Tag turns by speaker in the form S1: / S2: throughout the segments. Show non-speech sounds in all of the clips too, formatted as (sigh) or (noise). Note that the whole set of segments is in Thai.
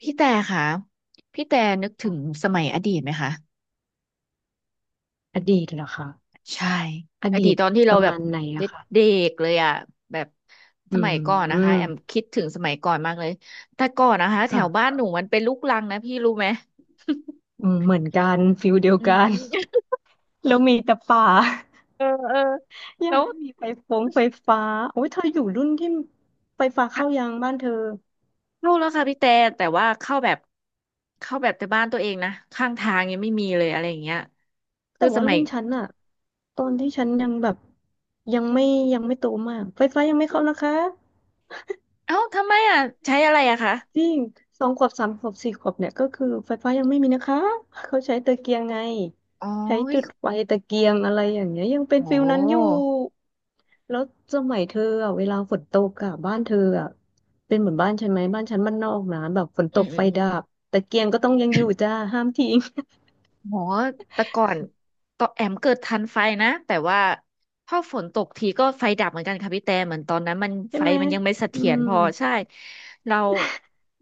S1: พี่แต่ค่ะพี่แต่นึกถึง
S2: ค่ะ
S1: สมัยอดีตไหมคะ
S2: อดีตเหรอคะ
S1: ใช่
S2: อ
S1: อ
S2: ดี
S1: ดีต
S2: ต
S1: ตอนที่
S2: ป
S1: เรา
S2: ระ
S1: แบบ
S2: มาณไหน
S1: เด
S2: อะค่ะ
S1: ็กๆเลยอ่ะแบบส
S2: อื
S1: มัยก่อนนะคะแอ
S2: ม
S1: มคิดถึงสมัยก่อนมากเลยแต่ก่อนนะคะแถ
S2: ค่
S1: วบ้าน
S2: ะ
S1: หนูมันเป็นลูกรังนะพี่รู้ไหม
S2: อืมเหมือนกันฟิลเดีย
S1: (laughs)
S2: ว
S1: อืม
S2: กั
S1: อื
S2: น
S1: ม
S2: (laughs) แล้วมีแต่ป่า
S1: เออเออ
S2: (laughs) ยั
S1: แล้
S2: ง
S1: ว
S2: ไม่มีไฟฟงไฟฟ้าโอ้ยเธออยู่รุ่นที่ไฟฟ้าเข้า
S1: เข้า
S2: ยังบ้านเธอ
S1: แล้วค่ะพี่แต่แต่ว่าเข้าแบบเข้าแบบแต่บ้านตัวเองนะข้างทางยังไม่มีเลยอะไรอย่างเงี้ยคื
S2: แต่
S1: อส
S2: ว่า
S1: มั
S2: รุ่
S1: ย
S2: นฉันอะตอนที่ฉันยังแบบยังไม่ยังไม่โตมาก ไฟฟ้ายังไม่เข้านะคะ
S1: เอ้าทำไมอ่ะใช้อะไรอะคะ
S2: จริงสองขวบสามขวบสี่ขวบเนี่ยก็คือไฟฟ้ายังไม่มีนะคะ เขาใช้ตะเกียงไง
S1: อ๋อ
S2: ใช้จุดไฟตะเกียงอะไรอย่างเงี้ยยังเป็น
S1: โอ้
S2: ฟิล
S1: โห
S2: นั้นอยู่ แล้วสมัยเธออ่ะเวลาฝนตกอ่ะบ้านเธออ่ะเป็นเหมือนบ้านฉันไหมบ้านฉันบ้านนอกนะแบบฝนต
S1: อืม
S2: ก
S1: อื
S2: ไฟ
S1: ม
S2: ดับตะเกียงก็ต้องยังอยู่จ้าห้ามทิ้ง
S1: โหแต่ก่อนต่อนแอมเกิดทันไฟนะแต่ว่าพอฝนตกทีก็ไฟดับเหมือนกันค่ะพี่แต่เหมือนตอนนั้นมัน
S2: (laughs) ใช่
S1: ไฟ
S2: ไหม
S1: มันยังไม่เส
S2: อื
S1: ถียร
S2: ม
S1: พอใช่เรา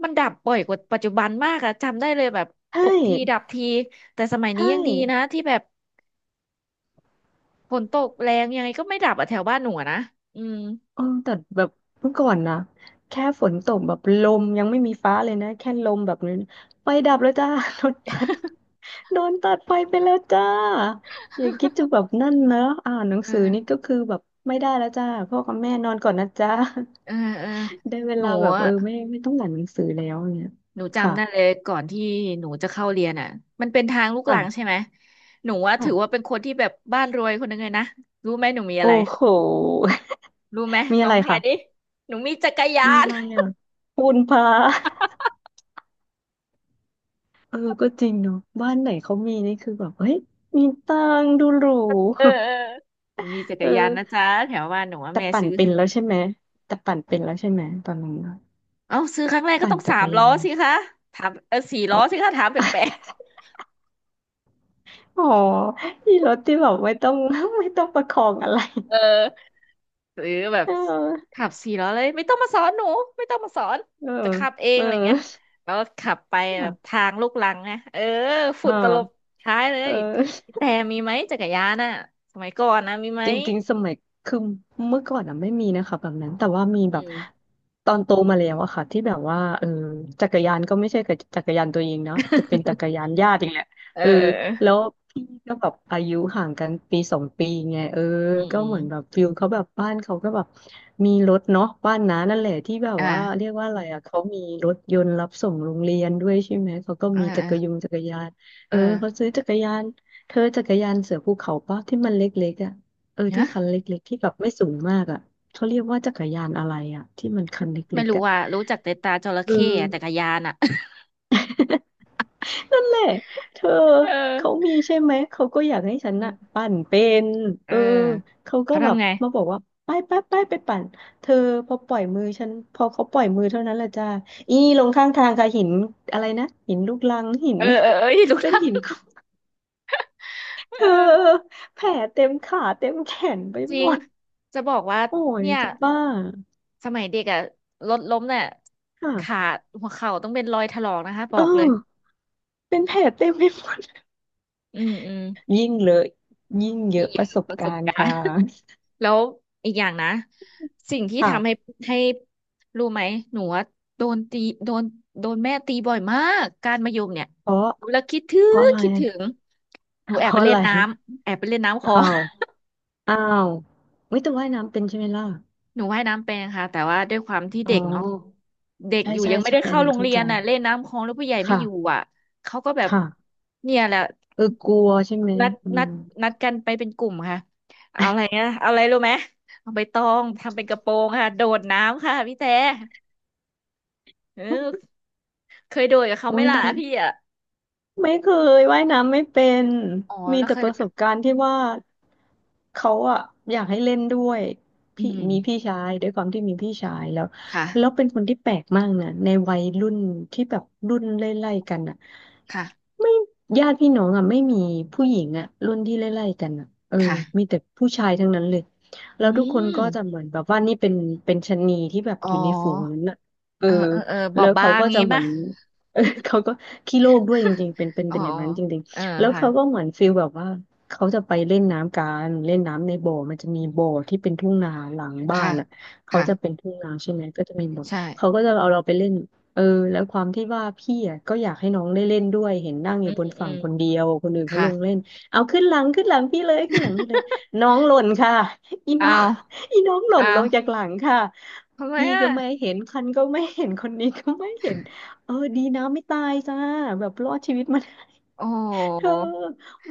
S1: มันดับบ่อยกว่าปัจจุบันมากอะจำได้เลยแบบ
S2: ใช่
S1: ตกทีดับทีแต่สมัยนี้
S2: ใช่
S1: ยังดีนะที่แบบฝนตกแรงยังไงก็ไม่ดับอะแถวบ้านหนูอะนะอืม
S2: เออแต่แบบเมื่อก่อนนะแค่ฝนตกแบบลมยังไม่มีฟ้าเลยนะแค่ลมแบบนี้ไฟดับแล้วจ้า (laughs) โดนตัดโดนตัดไฟไปแล้วจ้าอย่าคิดจะแบบนั่นนะอ่านหนัง
S1: เอ
S2: สือนี่
S1: อ
S2: ก็คือแบบไม่ได้แล้วจ้าพ่อกับแม่นอนก่อนนะจ้า
S1: เออเออ
S2: ได้เว
S1: หนู
S2: ลาแบบเออไม่ต้องอ่านหนังสือแล้วเนี่ย
S1: หนู
S2: ค่ะ
S1: จำได้เลยก่อนที่หนูจะเข้าเรียนอ่ะมันเป็นทางลูกรังใช่
S2: ค่ะ
S1: ไหมหนูว่าถื
S2: ค่ะ
S1: อว่าเป็นคนที่แบบบ้านรวยคนหนึงเลยนะรู้ไหมหนูมีอะ
S2: โอ้
S1: ไร
S2: โห (laughs)
S1: รู้ไหม
S2: มี
S1: ล
S2: อะ
S1: อ
S2: ไร
S1: งทาย
S2: ค่ะ
S1: ดิหนูมีจักรยา
S2: มี
S1: น
S2: อะไรอ่ะปูนพา (laughs) เออก็จริงเนาะบ้านไหนเขามีนี่คือแบบเฮ้ยมีตังค์ดูหรู
S1: (laughs) เออเออหนูมีจั
S2: (laughs)
S1: กรยาน
S2: เอ
S1: นะ
S2: อ
S1: จ๊ะแถวบ้านหนูว่า
S2: แต่
S1: แม่
S2: ปั่น
S1: ซื้อ
S2: เป็นแล้
S1: ให้
S2: วใช่ไหมแต่ปั่นเป็นแล้วใช่ไหมตอนนั้นอะ
S1: (laughs) เอ้าซื้อครั้งแรกก็
S2: ปั่น
S1: ต้อง
S2: จั
S1: สา
S2: ก
S1: ม
S2: ร
S1: ล้
S2: ยา
S1: อ
S2: น
S1: สิคะถามเออสี่
S2: (laughs)
S1: ล้
S2: อ๋อ
S1: อสิคะถามแปลก
S2: (laughs) อ๋อที่รถที่แบบไม่ต้อง (laughs) ไม่ต้องประคองอะไร (laughs)
S1: ๆเออ หรือแบบ
S2: เออ
S1: ขับสี่ล้อเลยไม่ต้องมาสอนหนูไม่ต้องมาสอน
S2: เออ
S1: จะขับเอง
S2: เออ
S1: อะไรเงี้ยแล้วขับไปแบบ
S2: อ่ะ
S1: ทางลูกรังนะเออฝุ่
S2: อ่
S1: นตลบ
S2: า
S1: ท้ายเล
S2: เอ
S1: ย
S2: อ
S1: พี่แต่มีไหมจักรยานน่ะสมัยก่อนนะมีไหม
S2: จริงๆสมัยคือเมื่อก่อนอะไม่มีนะคะแบบนั้นแต่ว่ามี
S1: อื
S2: แบบ
S1: ม
S2: ตอนโตมาแล้วอะค่ะที่แบบว่าเออจักรยานก็ไม่ใช่กับจักรยานตัวเองเนาะจะเป็นจักรยานญาติอย่างเงี้ย
S1: (laughs) เ
S2: เออ
S1: ออ
S2: แล้วพี่ก็แบบอายุห่างกันปีสองปีไงเออ
S1: อืม
S2: ก็
S1: อื
S2: เห
S1: ม
S2: มือนแบบฟิลเขาแบบบ้านเขาก็แบบมีรถเนาะบ้านน้า
S1: อ
S2: นั่น
S1: ม
S2: แหละที่แบบ
S1: อ่า
S2: ว่าเรียกว่าอะไรอะเขามีรถยนต์รับส่งโรงเรียนด้วยใช่ไหมเขาก็
S1: เออ
S2: มีจั
S1: เออ
S2: กรยงจักรยานเอ
S1: เอ
S2: อ
S1: อ
S2: เขาซื้อจักรยานเธอจักรยานเสือภูเขาปะที่มันเล็กๆอ่ะ เออที่
S1: นะ
S2: คันเล็กๆที่แบบไม่สูงมากอ่ะเขาเรียกว่าจักรยานอะไรอ่ะที่มันคันเล
S1: ไม่
S2: ็ก
S1: รู้
S2: ๆอ่ะ
S1: ว่ารู้จักแต่ตาจระ
S2: เอ
S1: เข้อะจักร
S2: อ
S1: ยานอ่ะ
S2: นั่นแหละเธอ
S1: (laughs) เออ
S2: เขา
S1: (laughs)
S2: มีใช่ไหมเขาก็อยากให้ฉัน
S1: อื
S2: อะ
S1: ม
S2: ปั่นเป็น
S1: เอ
S2: เอ
S1: อ
S2: อเขาก็
S1: เขา
S2: แบบ
S1: ทำไง
S2: มาบอกว่าไปปั่นเธอพอปล่อยมือฉันพอเขาปล่อยมือเท่านั้นแหละจ้าอีลงข้างทางค่ะหินอะไรนะหินลูกรังหิน
S1: เออเออเออ (laughs) ลูก
S2: (laughs) เป็น
S1: รัง
S2: หินคลุ
S1: เอ
S2: เธอ
S1: อ
S2: แผลเต็มขาเต็มแขนไป
S1: จ
S2: ห
S1: ริ
S2: ม
S1: ง
S2: ด
S1: จะบอกว่า
S2: โอ้ย
S1: เนี่ย
S2: จะบ้า
S1: สมัยเด็กอะรถล้มเนี่ยขา
S2: ค่ะ
S1: หัวเข่าต้องเป็นรอยถลอกนะคะบ
S2: เอ
S1: อ
S2: อ
S1: กเลย
S2: เป็นแผลเต็มไปหมด
S1: อืมอืม
S2: (laughs) ยิ่งเลอยิ่งเย
S1: มี
S2: อะ
S1: เย
S2: ป
S1: อะ
S2: ระสบ
S1: ประส
S2: กา
S1: บ
S2: รณ์
S1: การ
S2: ค่ะ
S1: ณ์ (laughs) แล้วอีกอย่างนะสิ่งที่
S2: อ้าว
S1: ทำให้ให้รู้ไหมหนูว่าโดนตีโดนโดนแม่ตีบ่อยมากการมะยมเนี่ย
S2: เพราะ
S1: หนูแล้วคิดถึ
S2: เพราะ
S1: ง
S2: อะไร
S1: คิดถึงหนูแอ
S2: เพ
S1: บไป
S2: ราะอะ
S1: เล่
S2: ไร
S1: นน้ำแอบไปเล่นน้ำคลอ
S2: อ้า
S1: ง
S2: วอ้าวไม่แต่ว่ายน้ำเป็นใช่ไหมล่ะ
S1: หนูว่ายน้ำเป็นค่ะแต่ว่าด้วยความที่
S2: อ๋
S1: เด็กเนาะ
S2: อ
S1: เด็ก
S2: ใช่
S1: อยู่
S2: ใช่
S1: ยังไม่
S2: ใช่
S1: ได้
S2: อั
S1: เข้า
S2: นนั้
S1: โร
S2: น
S1: ง
S2: เข้า
S1: เรีย
S2: ใจ
S1: นน่ะเล่นน้ำคลองแล้วผู้ใหญ่ไม่
S2: ค่ะ
S1: อยู่อ่ะเขาก็แบบ
S2: ค่ะ
S1: เนี่ยแหละ
S2: เออกลัวใช่ไหม
S1: นัด
S2: อื
S1: นัด
S2: ม
S1: นัดกันไปเป็นกลุ่มค่ะเอาอะไรนะเอาอะไรรู้ไหมเอาใบตองทำเป็นกระโปรงค่ะโดดน้ำค่ะพี่แต่เออเคยโดดกับเขา
S2: อุ้
S1: ไหม
S2: ย
S1: ล่ะ
S2: ดัน
S1: พี่อ่ะ
S2: ไม่เคยว่ายน้ำไม่เป็น
S1: อ๋อ
S2: มี
S1: แล้ว
S2: แต่
S1: เคย
S2: ประสบการณ์ที่ว่าเขาอะอยากให้เล่นด้วย
S1: อื
S2: พี่
S1: ม
S2: มีพี่ชายด้วยความที่มีพี่ชายแล้ว
S1: ค
S2: แล้วเป็
S1: ่ะ
S2: นคนที่แปลกมากนะในวัยรุ่นที่แบบรุ่นไล่ๆกันอะ
S1: ค่ะ
S2: ไม่ญาติพี่น้องอะไม่มีผู้หญิงอะรุ่นที่ไล่ๆกันอะเออ
S1: ค่ะ
S2: มีแต่ผู้ชายทั้งนั้นเลย
S1: อื
S2: แล้วทุกคนก็จะ
S1: ม
S2: เหมือนแบบว่านี่เป็นชะนีที่แบบ
S1: อ๋
S2: อยู่ในฝูง
S1: อ
S2: นั้นอะเออ
S1: เออเออเออบอ
S2: แล้
S1: บ
S2: ว
S1: บา
S2: เขา
S1: ง
S2: ก็จะ
S1: งี้
S2: เหมือ
S1: ป่ะ
S2: น (laughs) เออเขาก็ขี้โลกด้วยจ
S1: (laughs)
S2: ริงๆเป็นเป็น
S1: อ๋อ
S2: เป็นอย่างนั้นจริง
S1: เออ
S2: ๆแล้ว
S1: ค่ะ
S2: เขาก็เหมือนฟีลแบบว่าเขาจะไปเล่นน้ำกันเล่นน้ำในบ่อมันจะมีบ่อที่เป็นทุ่งนาหลังบ้า
S1: ค่ะ
S2: นอ่ะเขา
S1: ค่ะ
S2: จะเป็นทุ่งนาใช่ไหมก็จะมีบ่อ
S1: ใช่
S2: เขาก็จะเอาเราไปเล่นเออแล้วความที่ว่าพี่อ่ะก็อยากให้น้องได้เล่นด้วยเห็นนั่งอ
S1: อื
S2: ยู่
S1: ม
S2: บน
S1: อื
S2: ฝั่ง
S1: ม
S2: คนเดียวคนอื่นเขา
S1: ค่ะ
S2: ลงเล่นเอาขึ้นหลังพี่เลยขึ้นหลังพี่เลยน้องหล่นค่ะอีน้อ
S1: เอา
S2: ง (laughs) อีน้องหล่
S1: เอา
S2: นลงจากหลังค่ะ
S1: ทำไม
S2: พี่
S1: อ่ะ
S2: ก็ไม่เห็นคันก็ไม่เห็นคนนี้ก็ไม่เห็น เออดีนะไม่ตายจ้าแบบรอดชีวิตมา (laughs)
S1: โอ้โ
S2: เธอ
S1: ห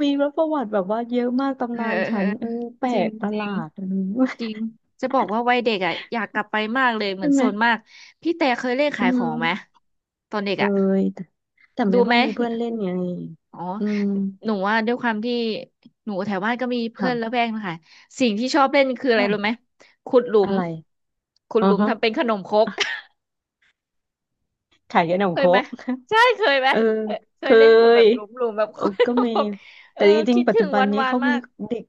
S2: มีรประวัติแบบว่าเยอะมาก
S1: เอ
S2: ตำ
S1: อ
S2: นาน
S1: เออ
S2: ฉั
S1: เออ
S2: นเออแปล
S1: จริง
S2: กประ
S1: จ
S2: ห
S1: ริ
S2: ลา
S1: ง
S2: ดเออ (laughs)
S1: จริง จะบอกว่าวัยเด็กอ่ะอยากกลับไปมากเลยเหมื
S2: ใช่
S1: อน
S2: ไหม
S1: โซนมาก พี่แต่เคยเล่น
S2: อื
S1: ขายของไหม
S2: ม
S1: ตอนเด็ก
S2: เออ
S1: อ่ะ
S2: แต่แต่
S1: ดู
S2: ไม่ค่
S1: ไห
S2: อ
S1: ม
S2: ยมีเพื่อนเล่นไง
S1: อ๋อ
S2: อืม
S1: หนูว่าด้วยความที่หนูแถวบ้านก็มีเพื่อนละ
S2: ค่ะ
S1: แวกนะคะสิ่งที่ชอบเล่นคืออะไรรู้ไหม
S2: ค่ะ
S1: ขุดหลุ
S2: อะ
S1: ม
S2: ไร
S1: ขุด
S2: อ๋อ
S1: หลุม
S2: ฮะ
S1: ทำเป็นขนมครก
S2: (laughs) ขายับหนม
S1: เค
S2: โค
S1: ย
S2: ร
S1: ไหม
S2: ก
S1: ใช่เคยไหม
S2: เออ
S1: เคย
S2: เค
S1: เล่นคแบ
S2: ย
S1: บหลุมๆแบบ (laughs) คย
S2: ก็มี
S1: แบบเอ
S2: แต่
S1: อ
S2: จริง
S1: คิด
S2: ๆปัจ
S1: ถึ
S2: จุ
S1: ง
S2: บัน
S1: วัน
S2: นี้
S1: วาน
S2: เขา
S1: มา
S2: มี
S1: ก
S2: เด็ก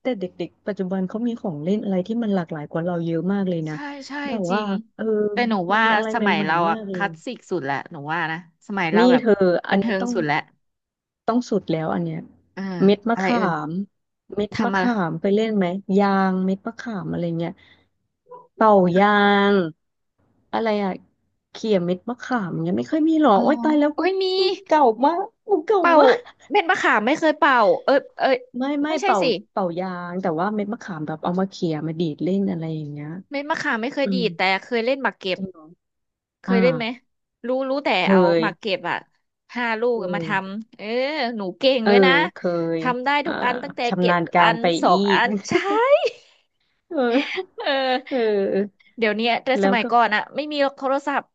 S2: แต่เด็กๆปัจจุบันเขามีของเล่นอะไรที่มันหลากหลายกว่าเราเยอะมากเลยนะ
S1: ใช่ใช่
S2: แบบ
S1: จริ
S2: ว่า
S1: ง
S2: เออ
S1: แต่หนู
S2: มี
S1: ว่า
S2: อะไร
S1: ส
S2: ให
S1: มัย
S2: ม่
S1: เรา
S2: ๆ
S1: อะ
S2: มากเล
S1: ค
S2: ย
S1: ลาสสิกสุดแหละหนูว่านะสมัยเรา
S2: นี่
S1: แบบ
S2: เธอ
S1: บั
S2: อั
S1: น
S2: นนี้
S1: เทิง
S2: ต้อง
S1: สุดแหละ
S2: สุดแล้วอันเนี้ย
S1: อ่า
S2: เม็ดมะ
S1: อะไร
S2: ขา
S1: เอ่ย
S2: มเม็ดมะ
S1: ทำอะไร
S2: ขามไปเล่นไหมยางเม็ดมะขามอะไรเงี้ยเป่ายางอะไรอะเขี่ยเม็ดมะขามเงี้ยไม่ค่อยมีหรอ
S1: อ๋อ
S2: โอ๊ยตายแล้ว
S1: โอ้
S2: กู
S1: ยมี
S2: เก่ามากกูเก่า
S1: เป่า
S2: มาก
S1: เม็ดมะขามไม่เคยเป่าเออเออ
S2: ไม่
S1: ไม่ใช่
S2: เป่า
S1: สิ
S2: เป่ายางแต่ว่าเม็ดมะขามแบบเอามาเขี่ยมาดีดเล่นอะไรอย่างเงี้ย
S1: เม็ดมะขามไม่เคย
S2: อืม
S1: ดีดแต่เคยเล่นหมากเก็บ
S2: จริงเหรอ
S1: เค
S2: อ่า
S1: ยได้ไหมรู้รู้แต่
S2: เค
S1: เอามา
S2: ย
S1: เก็บอ่ะห้าลูก
S2: เค
S1: อะมาท
S2: ย
S1: ำเออหนูเก่ง
S2: เออ
S1: ด้วยนะ
S2: เคย
S1: ทำได้ทุ
S2: อ่า
S1: กอันตั้งแต่เก็
S2: ชำ
S1: บ
S2: นาญกา
S1: อั
S2: ร
S1: น
S2: ไป
S1: สอ
S2: อี
S1: งอั
S2: ก
S1: น (laughs) ใช่
S2: (laughs) เออ
S1: เออ
S2: เออ
S1: เดี๋ยวเนี้ยแต่ส
S2: แล้ว
S1: มัย
S2: ก็
S1: ก่อนอะไม่มีโทรศัพท์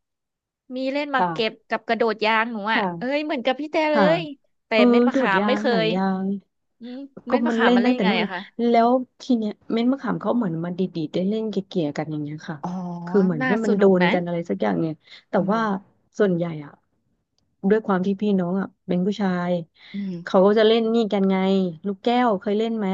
S1: มีเล่นหมาก
S2: ค่ะ
S1: เก็บกับกระโดดยางหนูอะเอ้
S2: ค่ะ
S1: ยเหมือนกับพี่แต่เล
S2: ค่ะ
S1: ยแต่
S2: เออ
S1: เม็ดมะ
S2: โดด
S1: ขาม
S2: ยา
S1: ไม่
S2: ง
S1: เค
S2: หนัง
S1: ย
S2: ยาง
S1: อืม
S2: ก็
S1: เม็ดมะ
S2: มัน
S1: ขาม
S2: เล่น
S1: มาเล่
S2: ตั้ง
S1: น
S2: แต่
S1: ไง
S2: นู่นเล
S1: อะ
S2: ย
S1: คะ
S2: แล้วทีเนี้ยเม็ดมะขามเขาเหมือนมาดีดๆได้เล่นเกี่ยๆกันอย่างเงี้ยค่ะ
S1: อ๋อ
S2: คือเหมือน
S1: น่า
S2: ให้
S1: ส
S2: มันโด
S1: นุก
S2: น
S1: นะ
S2: กันอะไรสักอย่างเนี่ยแต่
S1: อื
S2: ว่า
S1: ม
S2: ส่วนใหญ่อะด้วยความที่พี่น้องอะเป็นผู้ชาย
S1: อืม
S2: เขาก็จะเล่นนี่กันไงลูกแก้วเคยเล่นไหม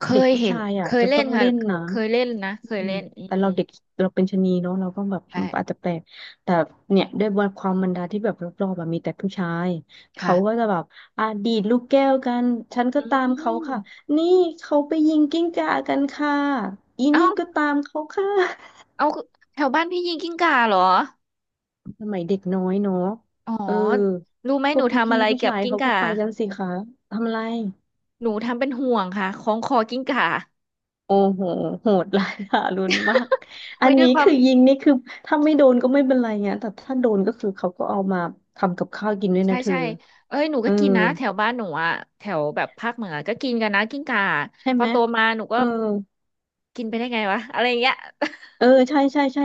S1: เค
S2: เด็ก
S1: ย
S2: ผู้
S1: เห็น
S2: ชาย
S1: เค
S2: อะ
S1: ย
S2: จะ
S1: เล่
S2: ต้อ
S1: น
S2: ง
S1: ค่ะ
S2: เล่นนะ
S1: เคยเล่นนะเคย
S2: อืม
S1: เล่นอืม
S2: แต่
S1: อื
S2: เรา
S1: ม
S2: เด็กเราเป็นชะนีเนาะเราก็แบบ
S1: ใช่
S2: อาจจะแปลกแต่เนี่ยด้วยความบรรดาที่แบบรอบๆแบบมีแต่ผู้ชายเขาก็
S1: ค่ะ
S2: จะแบบ ดีดลูกแก้วกัน ฉันก็
S1: อื
S2: ตามเขาค่ะ
S1: ม
S2: นี่เขาไปยิงกิ้งก่ากันค่ะ อี
S1: เอ้า
S2: นี่ก็ตามเขาค่ะ
S1: เอาแถวบ้านพี่ยิงกิ้งก่าเหรอ
S2: สมัยเด็กน้อยเนาะ
S1: อ๋อ
S2: เออ
S1: รู้ไหม
S2: พ
S1: ห
S2: ว
S1: นู
S2: กพ
S1: ทำ
S2: ี่
S1: อะไร
S2: ๆผู้
S1: เกี่ยว
S2: ชา
S1: กับ
S2: ย
S1: กิ้ง
S2: เขาก็
S1: ก่า
S2: ไปกันสิคะทำไร
S1: หนูทำเป็นห่วงค่ะคล้องคอกิ้งก่า
S2: โอ้โหโหดร้ายทารุณมากอั
S1: ไว้
S2: น
S1: ด้ว
S2: นี้
S1: ยความ
S2: คือยิงนี่คือถ้าไม่โดนก็ไม่เป็นไรเงี้ยแต่ถ้าโดนก็คือเขาก็เอามาทำกับข้าวกินด้วย
S1: ใช่
S2: นะเธอ
S1: ใช่เอ้ยหนู
S2: เอ
S1: ก็
S2: อ
S1: กินนะแถวบ้านหนูอะแถวแบบภาคเหนือก็กินกันนะกิ้งก่า
S2: ใช่
S1: พอ
S2: ไหม
S1: โตมาหนูก็
S2: เออ
S1: กินไปได้ไงวะอะไรอย่างเงี้ย
S2: ใช่ใช่ใช่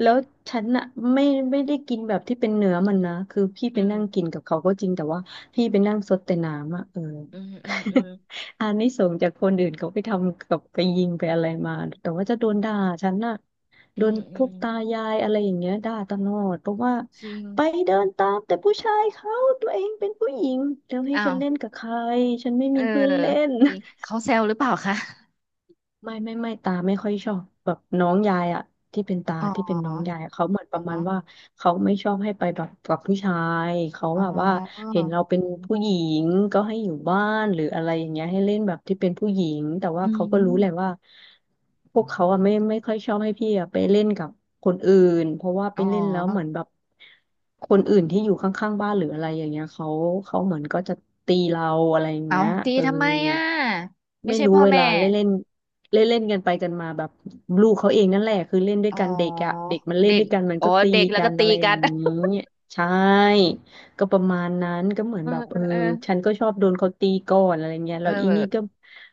S2: แล้วฉันอะไม่ไม่ได้กินแบบที่เป็นเนื้อมันนะคือพี่
S1: (laughs) อื
S2: ไป
S1: ม
S2: นั่งกินกับเขาก็จริงแต่ว่าพี่ไปนั่งซดแต่น้ำอะ
S1: อืมอืมอืม
S2: (laughs) อานิสงส์จากคนอื่นเขาไปทำกับไปยิงไปอะไรมาแต่ว่าจะโดนด่าฉันน่ะ
S1: อื
S2: โด
S1: ม
S2: น
S1: อื
S2: พว
S1: ม
S2: กตายายอะไรอย่างเงี้ยด่าตลอดเพราะว่า
S1: จริง
S2: ไปเดินตามแต่ผู้ชายเขาตัวเองเป็นผู้หญิงแล้วให้
S1: อ้า
S2: ฉั
S1: ว
S2: นเล่นกับใครฉันไม่
S1: เอ
S2: มี
S1: อ
S2: เพื่อนเล่น
S1: จริงเขาแซวหรือเปล่าคะ
S2: ไม่ตาไม่ค่อยชอบแบบน้องยายอะที่เป็นตา
S1: อ๋
S2: ที่เป็นน้องยา
S1: อ
S2: ยอะเขาเหมือนประ
S1: อ๋อ
S2: มาณว่าเขาไม่ชอบให้ไปแบบกับผู้ชายเขา
S1: อ๋อ
S2: แบบว่าเห็นเราเป็นผู้หญิงก็ให้อยู่บ้านหรืออะไรอย่างเงี้ยให้เล่นแบบที่เป็นผู้หญิงแต่ว่า
S1: อื
S2: เขาก็รู้แหละ
S1: ม
S2: ว่าพวกเขาอะไม่ค่อยชอบให้พี่อะไปเล่นกับคนอื่นเพราะว่าไป
S1: อ๋อ
S2: เล่นแล้วเหมือนแบบคนอื่นที่อยู่ข้างๆบ้านหรืออะไรอย่างเงี้ยเขาเหมือนก็จะตีเราอะไรอย่าง
S1: เอา
S2: เงี้ย
S1: ตี
S2: เออ
S1: ทำไมอ่ะไม่
S2: ไม่
S1: ใช่
S2: รู้
S1: พ่อ
S2: เว
S1: แม่
S2: ลาเล่นเล่น เล่นเล่นกันไปกันมาแบบลูกเขาเองนั่นแหละคือเล่นด้วย
S1: อ๋อ
S2: กันเด็กอะเด็กมันเล่น
S1: เด็ก
S2: ด้วยกันมัน
S1: อ๋อ
S2: ก็ตี
S1: เด็กแล้ว
S2: กั
S1: ก็
S2: น
S1: ตี
S2: อะไรอ
S1: กั
S2: ย่าง
S1: น
S2: นี้ใช่ก็ประมาณนั้นก็เหมือ
S1: (laughs) เอ
S2: น
S1: อ
S2: แบบ
S1: เออ
S2: ฉันก็ชอบโดนเขาตีก่อนอะไรเงี้ย
S1: เอ
S2: แล้
S1: อ
S2: วอี
S1: เอ
S2: นี่ก็
S1: อ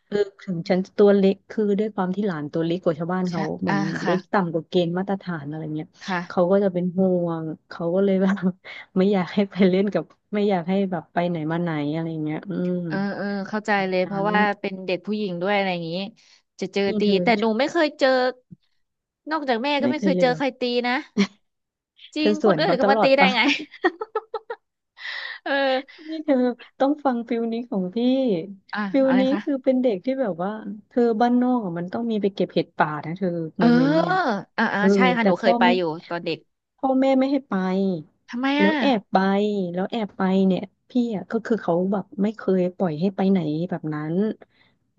S2: เออถึงฉันจะตัวเล็กคือด้วยความที่หลานตัวเล็กกว่าชาวบ้าน
S1: ใช่
S2: เขาเหมื
S1: อ่า
S2: อนเล็
S1: ค่ะ
S2: กต่ำกว่าเกณฑ์มาตรฐานอะไรเงี้ยเขา
S1: ค่ะ
S2: ก็จะเป็นห่วงเขาก็เลยแบบ (laughs) ไม่อยากให้ไปเล่นกับไม่อยากให้แบบไปไหนมาไหนอะไรเงี้ยอืม
S1: เออเออเข้าใจเลยเพราะ
S2: นั้น
S1: ว่าเป็นเด็กผู้หญิงด้วยอะไรอย่างนี้จะเจอ
S2: นี่
S1: ตี
S2: เธอ
S1: แต่หนูไม่เคยเจอนอกจากแม่ก็
S2: ไม่
S1: ไม่
S2: เค
S1: เค
S2: ย
S1: ย
S2: เล
S1: เจ
S2: ย
S1: อ
S2: เหร
S1: ใค
S2: อ
S1: รตีนะจ
S2: เธ
S1: ริ
S2: อ
S1: ง
S2: ส
S1: ค
S2: ว
S1: น
S2: น
S1: อื่น
S2: เขา
S1: ก็
S2: ต
S1: มา
S2: ลอ
S1: ตี
S2: ด
S1: ได้
S2: ปะ
S1: ไง (laughs) เออ
S2: นี่เธอต้องฟังฟิลนี้ของพี่
S1: อ่ะ
S2: ฟิล
S1: อะไร
S2: นี้
S1: คะ
S2: คือเป็นเด็กที่แบบว่าเธอบ้านนอกอะมันต้องมีไปเก็บเห็ดป่านะเธอ
S1: เอ
S2: โม
S1: อ
S2: เมนต์เนี่
S1: อ
S2: ย
S1: ่าอ่า
S2: เออ
S1: ใช่ค่ะ
S2: แต่
S1: หนูเคยไปอยู่ตอนเด็ก
S2: พ่อแม่ไม่ให้ไป
S1: ทำไม
S2: แล้
S1: อ่ะ
S2: วแอบไปแล้วแอบไปเนี่ยพี่อ่ะก็คือเขาแบบไม่เคยปล่อยให้ไปไหนแบบนั้น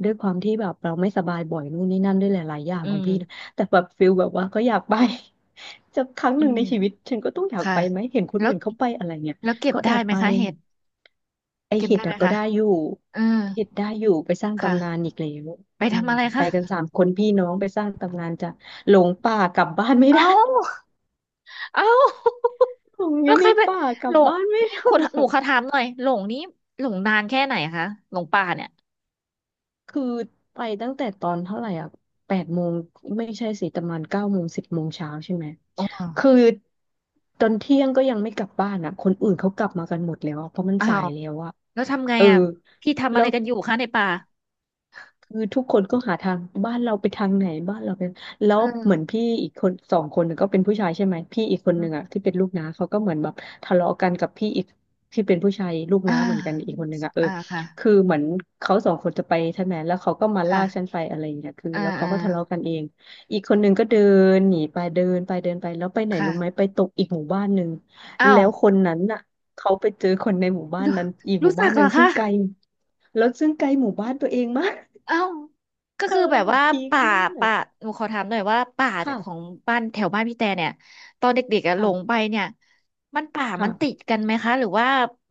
S2: ด้วยความที่แบบเราไม่สบายบ่อยนู่นนี่นั่นด้วยหลายๆอย่าง
S1: อื
S2: ของ
S1: ม
S2: พี่นะแต่แบบฟิลแบบว่าก็อยากไป (laughs) จะครั้ง
S1: อื
S2: หนึ่ง
S1: ม
S2: ในชีวิตฉันก็ต้องอยาก
S1: ค่ะ
S2: ไปไหมเห็นคน
S1: แล้ว
S2: อื่นเขาไปอะไรเนี่ย
S1: เก็บ
S2: ก็แอ
S1: ได้
S2: บ
S1: ไหม
S2: ไป
S1: คะเห็ด
S2: ไอ
S1: เก็บ
S2: เห็
S1: ได้
S2: ด
S1: ไหม
S2: อะก็
S1: คะ
S2: ได้อยู่
S1: เออ
S2: เห็ดได้อยู่ไปสร้างตำนาน
S1: ค่ะ
S2: อีกแล้ว
S1: ไป
S2: อืม
S1: ทำอะไร
S2: ไป
S1: คะ
S2: กัน3 คนพี่น้องไปสร้างตำนานจะหลงป่ากลับบ้านไม่
S1: เอ้า
S2: ได้
S1: เอ้า
S2: (laughs) หลงอ
S1: แล้
S2: ยู่
S1: วใค
S2: ใน
S1: รไป
S2: ป่ากลั
S1: หล
S2: บ
S1: ง
S2: บ้านไม่
S1: นี่
S2: ถู
S1: คุณหนู
S2: ก
S1: ขอถามหน่อยหลงนี้หลงนานแค่ไหนคะหลงป่าเนี่ย
S2: คือไปตั้งแต่ตอนเท่าไหร่อ่ะ8 โมงไม่ใช่สิประมาณ9 โมง10 โมงเช้าใช่ไหม
S1: อ๋อ
S2: คือตอนเที่ยงก็ยังไม่กลับบ้านอ่ะคนอื่นเขากลับมากันหมดแล้วอะเพราะมัน
S1: อ้า
S2: สาย
S1: ว
S2: แล้วอ่ะ
S1: แล้วทำไง
S2: เออ
S1: อ่ะพี่ทำอะ
S2: แล้
S1: ไร
S2: ว
S1: กันอยู่คะในป่า
S2: คือทุกคนก็หาทางบ้านเราไปทางไหนบ้านเราไปแล้วเหมือ
S1: เออ
S2: นพี่อีกคนสองคนน่ะก็เป็นผู้ชายใช่ไหมพี่อีกค
S1: อื
S2: นหนึ่งอ่ะ
S1: ม
S2: ที่เป็นลูกน้าเขาก็เหมือนแบบทะเลาะกันกับพี่อีกที่เป็นผู้ชายลูก
S1: อ่า
S2: น้าเหมือนกันอีกคนหนึ่งอ่ะเออ
S1: อ่าค่ะ
S2: คือเหมือนเขาสองคนจะไปใช่ไหมแล้วเขาก็มาลากฉัน
S1: ค่ะ
S2: ไปอะไรอย่างเงี้ยคือ
S1: อ่า
S2: แล้วเขา
S1: อ่า
S2: ก็ทะเลาะกันเองอีกคนหนึ่งก็เดินหนีไปเดินไปเดินไปแล้วไปไหนรู้ไหมไป
S1: ค่ะ
S2: ตกอีกหมู่บ้านหนึ่ง
S1: อ้า
S2: แล้
S1: ว
S2: วคนนั้นน่ะเขาไปเจอคนในหมู่บ้าน
S1: รู้
S2: นั้นอีกห
S1: รู้
S2: มู่
S1: จั
S2: บ้า
S1: ก
S2: นห
S1: เหร
S2: นึ่
S1: อ
S2: งซึ่
S1: คะ
S2: งไกลแล้วซึ่งไกลหมู่บ้านตัวเองมาก
S1: เอ้าก็
S2: เธ
S1: คื
S2: อ
S1: อแบบ
S2: แบบ
S1: ว่า
S2: พีค
S1: ป่า
S2: มา
S1: ป่า
S2: ก
S1: หนูขอถามหน่อยว่าป่า
S2: ค่ะ
S1: ของบ้านแถวบ้านพี่แต่เนี่ยตอนเด็กๆอะหลงไป
S2: ค่ะ
S1: เนี่ยมันป่ามั
S2: ค่ะ
S1: นติดกันไหมคะหรือว่า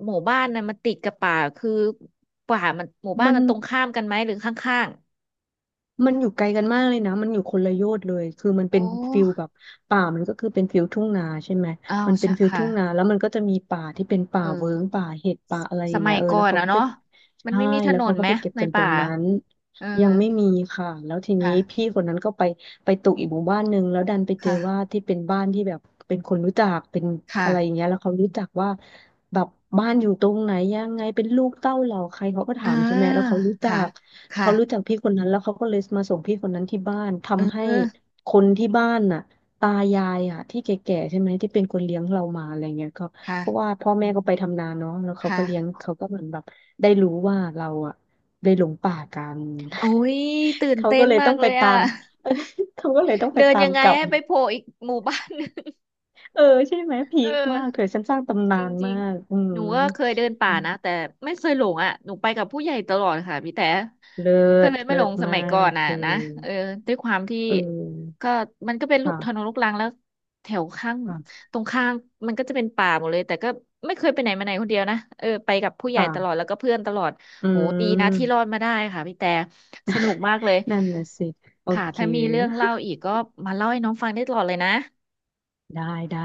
S1: หมู่บ้านน่ะมันติดกับป่าคือป่ามันหมู่บ้า
S2: มั
S1: น
S2: น
S1: มันตรงข้ามกันไหมหรือข้าง
S2: มันอยู่ไกลกันมากเลยนะมันอยู่คนละโยชน์เลยคือมัน
S1: ๆ
S2: เป็
S1: โอ้
S2: นฟิลแบบป่ามันก็คือเป็นฟิลทุ่งนาใช่ไหม
S1: อ้าว
S2: มันเป็
S1: ใช่
S2: นฟิล
S1: ค่ะ
S2: ทุ่งนาแล้วมันก็จะมีป่าที่เป็น
S1: เอ
S2: ป่า
S1: อ
S2: เวิ้งป่าเห็ดป่าอะไรอ
S1: ส
S2: ย่างเงี้
S1: มั
S2: ย
S1: ย
S2: เออ
S1: ก่อ
S2: แล้ว
S1: น
S2: เขา
S1: อะ
S2: ก็ไป
S1: เนาะมัน
S2: ใช่
S1: ไม่มีถ
S2: แล้ว
S1: น
S2: เขา
S1: น
S2: ก็
S1: ไหม
S2: ไปเก็บ
S1: ใน
S2: กันตร
S1: ป่า
S2: งนั้น
S1: เออ
S2: ยังไม่มีค่ะแล้วทีนี้
S1: ค่ะ
S2: พี่คนนั้นก็ไปไปตกอีกหมู่บ้านหนึ่งแล้วดันไปเจอ
S1: ค่ะ
S2: ว่าที่เป็นบ้านที่แบบเป็นคนรู้จักเป็น
S1: ค่ะ
S2: อะไรอย่างเงี้ยแล้วเขารู้จักว่าแบบบ้านอยู่ตรงไหนยังไงเป็นลูกเต้าเหล่าใครเขาก็ถา
S1: อ่า
S2: มใช่ไหมแล้วเขารู้จั
S1: ค่ะ
S2: ก
S1: ค่ะ
S2: เขารู้จักพี่คนนั้นแล้วเขาก็เลยมาส่งพี่คนนั้นที่บ้าน
S1: เอ
S2: ทำให้
S1: อ
S2: คนที่บ้านน่ะตายายอ่ะที่แก่ๆใช่ไหมที่เป็นคนเลี้ยงเรามาอะไรเงี้ยก็
S1: ค่ะ
S2: เพราะว่าพ่อแม่ก็ไปทำนาเนาะแล้วเขา
S1: ค่ะ
S2: ก็เลี้ยงเขาก็เหมือนแบบได้รู้ว่าเราอ่ะได้หลงป่ากัน
S1: โอ้ยตื่
S2: (laughs)
S1: น
S2: เขา
S1: เต้
S2: ก็
S1: น
S2: เลย
S1: มา
S2: ต้
S1: ก
S2: อง
S1: เล
S2: ไป
S1: ย
S2: ตา
S1: อ่ะ
S2: ม (laughs) เขาก็เลยต้อง
S1: (laughs)
S2: ไป
S1: เดิน
S2: ตา
S1: ยั
S2: ม
S1: งไง
S2: กลับ
S1: ให้ไปโผล่อีกหมู่บ้าน (laughs) หนึง
S2: เออใช่ไหมพี
S1: เออ
S2: คมากเธอฉันสร้างตำ
S1: จ
S2: นา
S1: ริง
S2: น
S1: จริ
S2: มา
S1: ง
S2: กอื
S1: ห
S2: ม
S1: นูก็เคยเดินป่านะแต่ไม่เคยหลงอ่ะหนูไปกับผู้ใหญ่ตลอดค่ะพี่แต่
S2: เลิ
S1: ก็
S2: ศ
S1: เลยไม่
S2: เลิ
S1: หล
S2: ศ
S1: งส
S2: มา
S1: มัยก่อ
S2: ก
S1: น
S2: เธ
S1: อ่ะ
S2: อ
S1: นะเออด้วยความที่
S2: เออ
S1: ก็มันก็เป็นลูก
S2: ค่ะ
S1: ถนนลูกรังแล้วแถวข้าง
S2: ค่ะ
S1: ตรงข้างมันก็จะเป็นป่าหมดเลยแต่ก็ไม่เคยไปไหนมาไหนคนเดียวนะเออไปกับผู้ใหญ่ตลอด
S2: ค่ะ
S1: แล้วก็เพื่อนตลอด
S2: อื
S1: โหดีนะที่รอ
S2: ม
S1: ดมาได้ค่ะพี่แต่สนุกมากเลย
S2: นั่นน่ะสิ โอ
S1: ค่ะ
S2: เค
S1: ถ้ามีเรื่องเล่าอีกก็มาเล่าให้น้องฟังได้ตลอดเลยนะ
S2: ได้ได้